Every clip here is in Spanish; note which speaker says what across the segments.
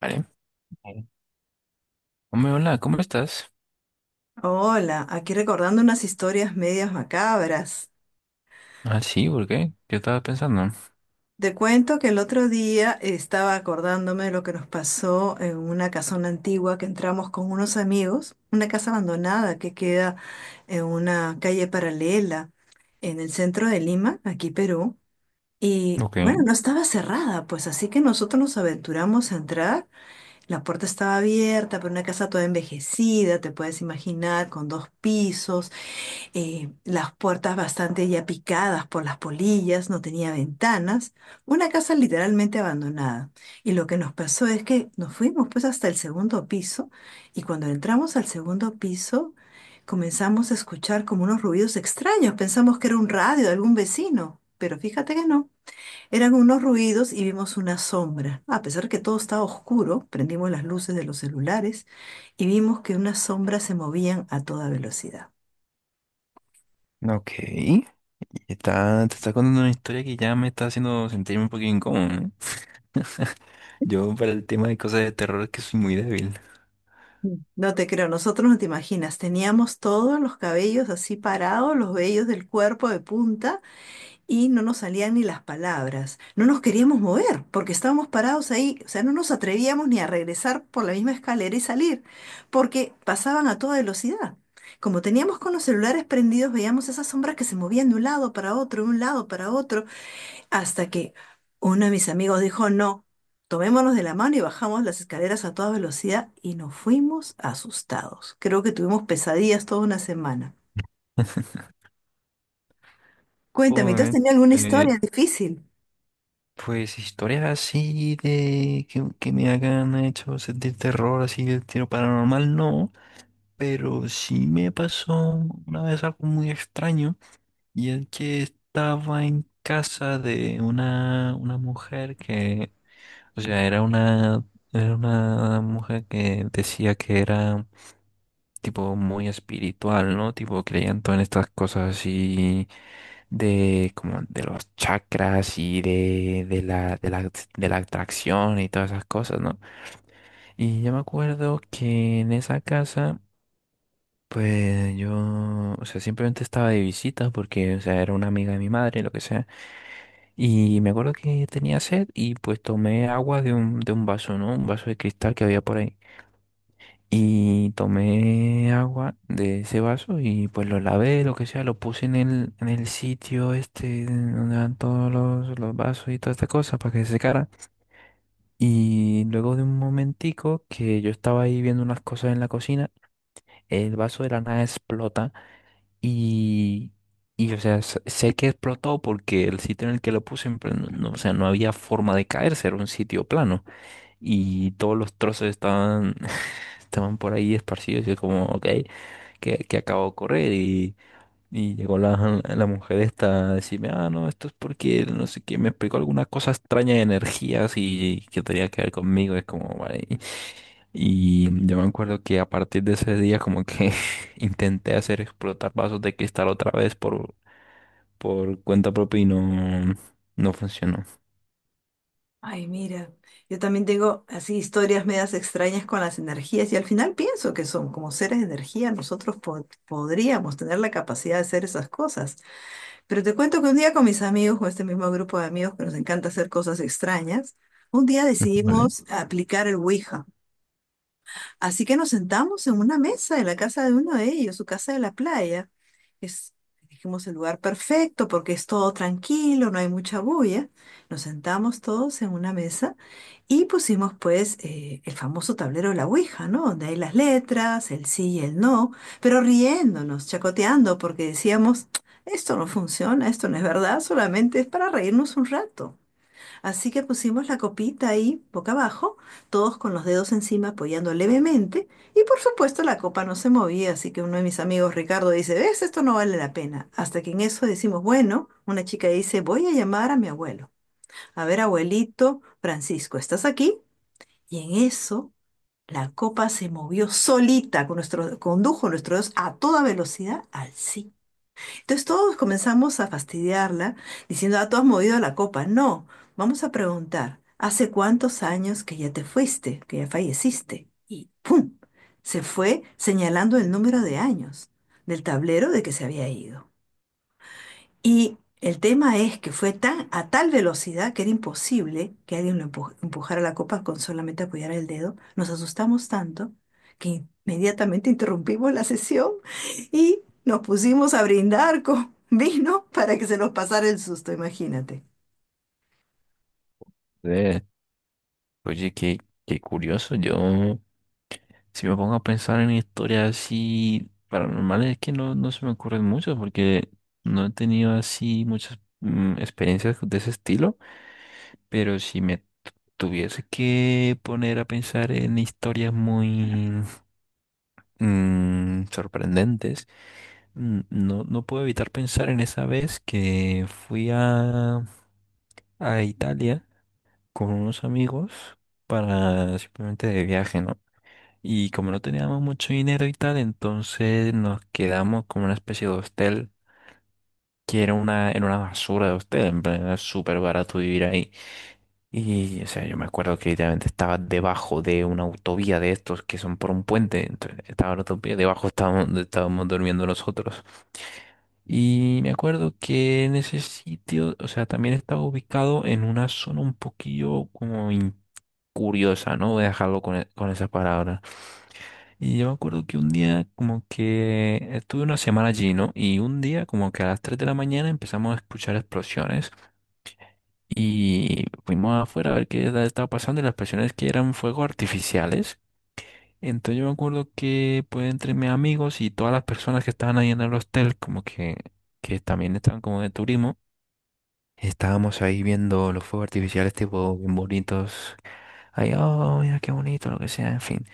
Speaker 1: Vale. Vale. Hombre, hola, ¿cómo estás?
Speaker 2: Hola, aquí recordando unas historias medias macabras.
Speaker 1: Ah, sí, ¿por qué? Yo estaba pensando.
Speaker 2: Te cuento que el otro día estaba acordándome de lo que nos pasó en una casona antigua que entramos con unos amigos, una casa abandonada que queda en una calle paralela en el centro de Lima, aquí Perú. Y bueno,
Speaker 1: Ok.
Speaker 2: no estaba cerrada, pues así que nosotros nos aventuramos a entrar. La puerta estaba abierta, pero una casa toda envejecida, te puedes imaginar, con dos pisos. Las puertas bastante ya picadas por las polillas, no tenía ventanas, una casa literalmente abandonada. Y lo que nos pasó es que nos fuimos pues hasta el segundo piso y cuando entramos al segundo piso comenzamos a escuchar como unos ruidos extraños, pensamos que era un radio de algún vecino. Pero fíjate que no. Eran unos ruidos y vimos una sombra. A pesar que todo estaba oscuro, prendimos las luces de los celulares y vimos que unas sombras se movían a toda velocidad.
Speaker 1: Ok. Y está, te está contando una historia que ya me está haciendo sentirme un poquito incómodo, ¿no? Yo para el tema de cosas de terror es que soy muy débil.
Speaker 2: No te creo, nosotros no te imaginas, teníamos todos los cabellos así parados, los vellos del cuerpo de punta y no nos salían ni las palabras. No nos queríamos mover porque estábamos parados ahí, o sea, no nos atrevíamos ni a regresar por la misma escalera y salir porque pasaban a toda velocidad. Como teníamos con los celulares prendidos, veíamos esas sombras que se movían de un lado para otro, de un lado para otro. Hasta que uno de mis amigos dijo, no, tomémonos de la mano y bajamos las escaleras a toda velocidad y nos fuimos asustados. Creo que tuvimos pesadillas toda una semana. Cuéntame, ¿tú has
Speaker 1: Joder,
Speaker 2: tenido alguna
Speaker 1: eh,
Speaker 2: historia difícil?
Speaker 1: pues historias así que me hagan hecho sentir terror, así de tiro paranormal, no. Pero sí me pasó una vez algo muy extraño. Y es que estaba en casa de una mujer que, o sea, era una, era una mujer que decía que era tipo muy espiritual, ¿no? Tipo creían todas estas cosas así de como de los chakras y de la atracción y todas esas cosas, ¿no? Y yo me acuerdo que en esa casa, pues yo, o sea, simplemente estaba de visita porque, o sea, era una amiga de mi madre, lo que sea. Y me acuerdo que tenía sed y pues tomé agua de de un vaso, ¿no? Un vaso de cristal que había por ahí. Y tomé agua de ese vaso y pues lo lavé, lo que sea, lo puse en en el sitio este donde van los vasos y toda esta cosa para que se secara. Y luego de un momentico que yo estaba ahí viendo unas cosas en la cocina, el vaso de la nada explota y, y o sea, sé que explotó porque el sitio en el que lo puse, en plan, no, no, o sea, no había forma de caerse, era un sitio plano. Y todos los trozos estaban, estaban por ahí esparcidos. Y yo como, ok, ¿qué, qué acabo de ocurrir? Y llegó la mujer esta a decirme, ah, no, esto es porque, no sé qué, me explicó alguna cosa extraña de energías y, que tenía que ver conmigo. Es como, vale. Y yo me acuerdo que a partir de ese día como que intenté hacer explotar vasos de cristal otra vez por cuenta propia y no, no funcionó.
Speaker 2: Ay, mira, yo también tengo así historias medias extrañas con las energías y al final pienso que son como seres de energía, nosotros podríamos tener la capacidad de hacer esas cosas. Pero te cuento que un día con mis amigos, con este mismo grupo de amigos que nos encanta hacer cosas extrañas, un día
Speaker 1: ¿Vale?
Speaker 2: decidimos aplicar el Ouija. Así que nos sentamos en una mesa en la casa de uno de ellos, su casa de la playa. Es, dijimos, el lugar perfecto porque es todo tranquilo, no hay mucha bulla. Nos sentamos todos en una mesa y pusimos pues el famoso tablero de la Ouija, ¿no? Donde hay las letras, el sí y el no, pero riéndonos, chacoteando porque decíamos, esto no funciona, esto no es verdad, solamente es para reírnos un rato. Así que pusimos la copita ahí, boca abajo, todos con los dedos encima apoyando levemente, y por supuesto la copa no se movía, así que uno de mis amigos, Ricardo, dice, ¿ves? Esto no vale la pena. Hasta que en eso decimos, bueno, una chica dice, voy a llamar a mi abuelo. A ver, abuelito, Francisco, ¿estás aquí? Y en eso la copa se movió solita, con nuestro, condujo nuestros dedos a toda velocidad al sí. Entonces todos comenzamos a fastidiarla diciendo, ah, tú has movido la copa. No, vamos a preguntar, ¿hace cuántos años que ya te fuiste, que ya falleciste? Y ¡pum! Se fue señalando el número de años del tablero de que se había ido. Y el tema es que fue tan, a tal velocidad que era imposible que alguien lo empujara la copa con solamente apoyar el dedo. Nos asustamos tanto que inmediatamente interrumpimos la sesión y nos pusimos a brindar con vino para que se nos pasara el susto, imagínate.
Speaker 1: Eh, oye, qué curioso. Yo, si me pongo a pensar en historias así paranormales, es que no, no se me ocurren muchas porque no he tenido así muchas experiencias de ese estilo. Pero si me tuviese que poner a pensar en historias muy sorprendentes, no, no puedo evitar pensar en esa vez que fui a Italia con unos amigos para simplemente de viaje, ¿no? Y como no teníamos mucho dinero y tal, entonces nos quedamos como una especie de hostel que era era una basura de hostel, en plan, era súper barato vivir ahí. Y, o sea, yo me acuerdo que literalmente estaba debajo de una autovía de estos que son por un puente, entonces estaba la autovía, debajo estábamos, donde estábamos durmiendo nosotros. Y me acuerdo que en ese sitio, o sea, también estaba ubicado en una zona un poquillo como curiosa, ¿no? Voy a dejarlo con, con esas palabras. Y yo me acuerdo que un día como que estuve una semana allí, ¿no? Y un día como que a las 3 de la mañana empezamos a escuchar explosiones y fuimos afuera a ver estaba pasando y las explosiones que eran fuegos artificiales. Entonces yo me acuerdo que pues entre mis amigos y todas las personas que estaban ahí en el hostel como que también estaban como de turismo, estábamos ahí viendo los fuegos artificiales tipo bien bonitos. Ahí, oh, mira qué bonito, lo que sea, en fin.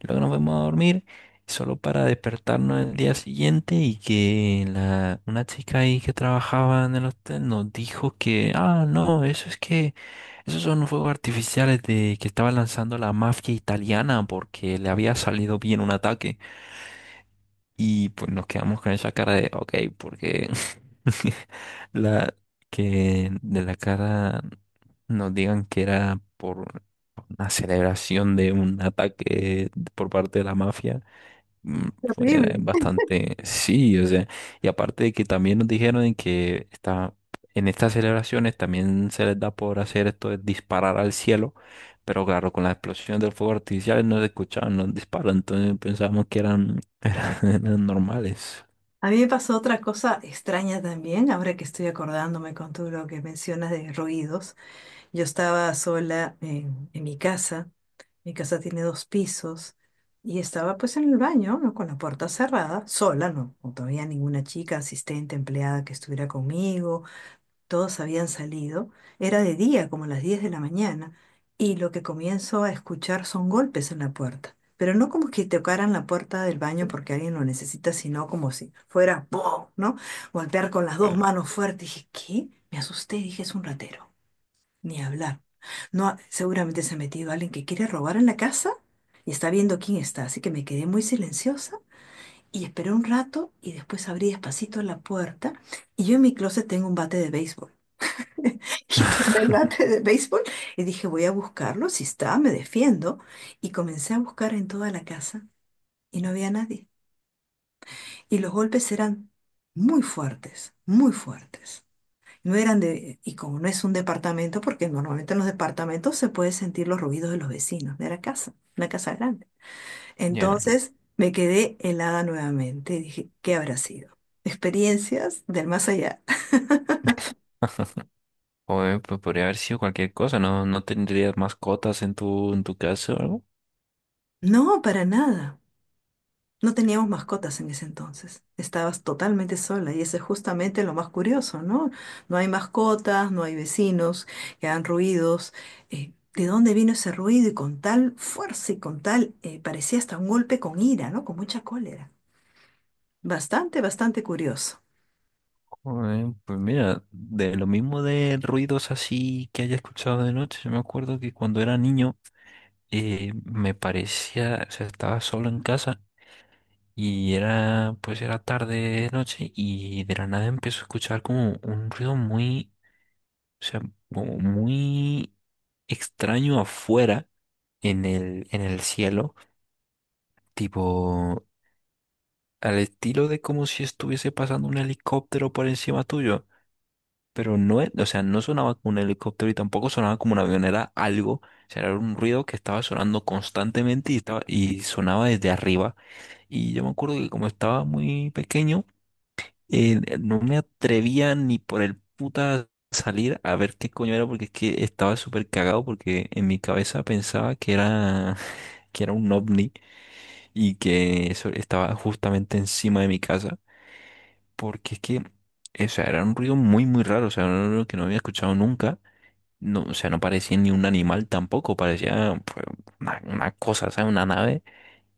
Speaker 1: Luego nos vamos a dormir solo para despertarnos el día siguiente y que una chica ahí que trabajaba en el hotel nos dijo que, ah, no, eso es que, esos son fuegos artificiales de que estaba lanzando la mafia italiana porque le había salido bien un ataque. Y pues nos quedamos con esa cara de, ok, porque la que de la cara nos digan que era por una celebración de un ataque por parte de la mafia fue
Speaker 2: Terrible.
Speaker 1: bastante sí, o sea, y aparte de que también nos dijeron en estas celebraciones también se les da por hacer esto de disparar al cielo, pero claro, con la explosión del fuego artificial no se escuchaban los disparos, entonces pensábamos que eran, eran normales.
Speaker 2: A mí me pasó otra cosa extraña también, ahora que estoy acordándome con todo lo que mencionas de ruidos. Yo estaba sola en mi casa. Mi casa tiene dos pisos y estaba pues en el baño, ¿no? Con la puerta cerrada, sola, no, no todavía ninguna chica, asistente, empleada que estuviera conmigo. Todos habían salido. Era de día, como las 10 de la mañana, y lo que comienzo a escuchar son golpes en la puerta. Pero no como que tocaran la puerta del baño porque alguien lo necesita, sino como si fuera ¡pum!, ¿no? Golpear con las dos
Speaker 1: Claro.
Speaker 2: manos fuerte. Dije, ¿qué? Me asusté, dije, es un ratero. Ni hablar. No, seguramente se ha metido alguien que quiere robar en la casa y está viendo quién está. Así que me quedé muy silenciosa y esperé un rato y después abrí despacito la puerta. Y yo en mi closet tengo un bate de béisbol. Y tomé el bate de béisbol y dije, voy a buscarlo. Si está, me defiendo. Y comencé a buscar en toda la casa y no había nadie. Y los golpes eran muy fuertes, muy fuertes. No eran de, y como no es un departamento, porque normalmente en los departamentos se puede sentir los ruidos de los vecinos, era casa, una casa grande.
Speaker 1: Ya.
Speaker 2: Entonces me quedé helada nuevamente y dije, ¿qué habrá sido? ¿Experiencias del más allá?
Speaker 1: O pues podría haber sido cualquier cosa, ¿no? ¿No tendrías mascotas en en tu casa o algo?
Speaker 2: No, para nada. No teníamos mascotas en ese entonces. Estabas totalmente sola y eso es justamente lo más curioso, ¿no? No hay mascotas, no hay vecinos que hagan ruidos. ¿De dónde vino ese ruido? Y con tal fuerza y con tal, parecía hasta un golpe con ira, ¿no? Con mucha cólera. Bastante, bastante curioso.
Speaker 1: Joder, pues mira, de lo mismo de ruidos así que haya escuchado de noche, yo me acuerdo que cuando era niño, me parecía, o sea, estaba solo en casa y era, pues era tarde, noche y de la nada empezó a escuchar como un ruido muy, o sea, como muy extraño afuera en en el cielo, tipo al estilo de como si estuviese pasando un helicóptero por encima tuyo. Pero no, o sea, no sonaba como un helicóptero y tampoco sonaba como una avionera algo, o sea, era un ruido que estaba sonando constantemente y estaba, y sonaba desde arriba. Y yo me acuerdo que como estaba muy pequeño, no me atrevía ni por el puta salir a ver qué coño era porque es que estaba súper cagado porque en mi cabeza pensaba que era que era un ovni y que eso estaba justamente encima de mi casa porque es que, o sea, era un ruido muy muy raro, o sea, un ruido que no había escuchado nunca, no, o sea, no parecía ni un animal tampoco, parecía pues, una cosa, ¿sabes? Una nave.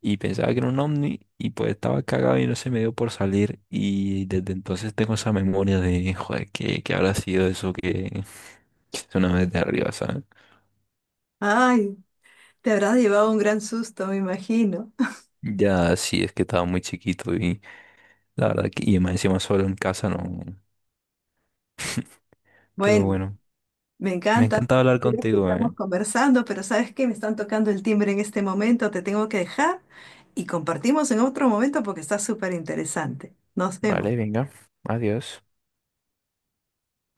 Speaker 1: Y pensaba que era un ovni y pues estaba cagado y no se me dio por salir. Y desde entonces tengo esa memoria de, joder, ¿qué, qué habrá sido eso que es una vez de arriba, ¿sabes?
Speaker 2: Ay, te habrás llevado un gran susto, me imagino.
Speaker 1: Ya sí, es que estaba muy chiquito y la verdad que, y más encima solo en casa no. Pero
Speaker 2: Bueno.
Speaker 1: bueno,
Speaker 2: Me
Speaker 1: me ha
Speaker 2: encanta
Speaker 1: encantado
Speaker 2: las
Speaker 1: hablar
Speaker 2: historias que
Speaker 1: contigo,
Speaker 2: estamos
Speaker 1: ¿eh?
Speaker 2: conversando, pero ¿sabes qué? Me están tocando el timbre en este momento, te tengo que dejar y compartimos en otro momento porque está súper interesante. Nos
Speaker 1: Vale,
Speaker 2: vemos.
Speaker 1: venga, adiós.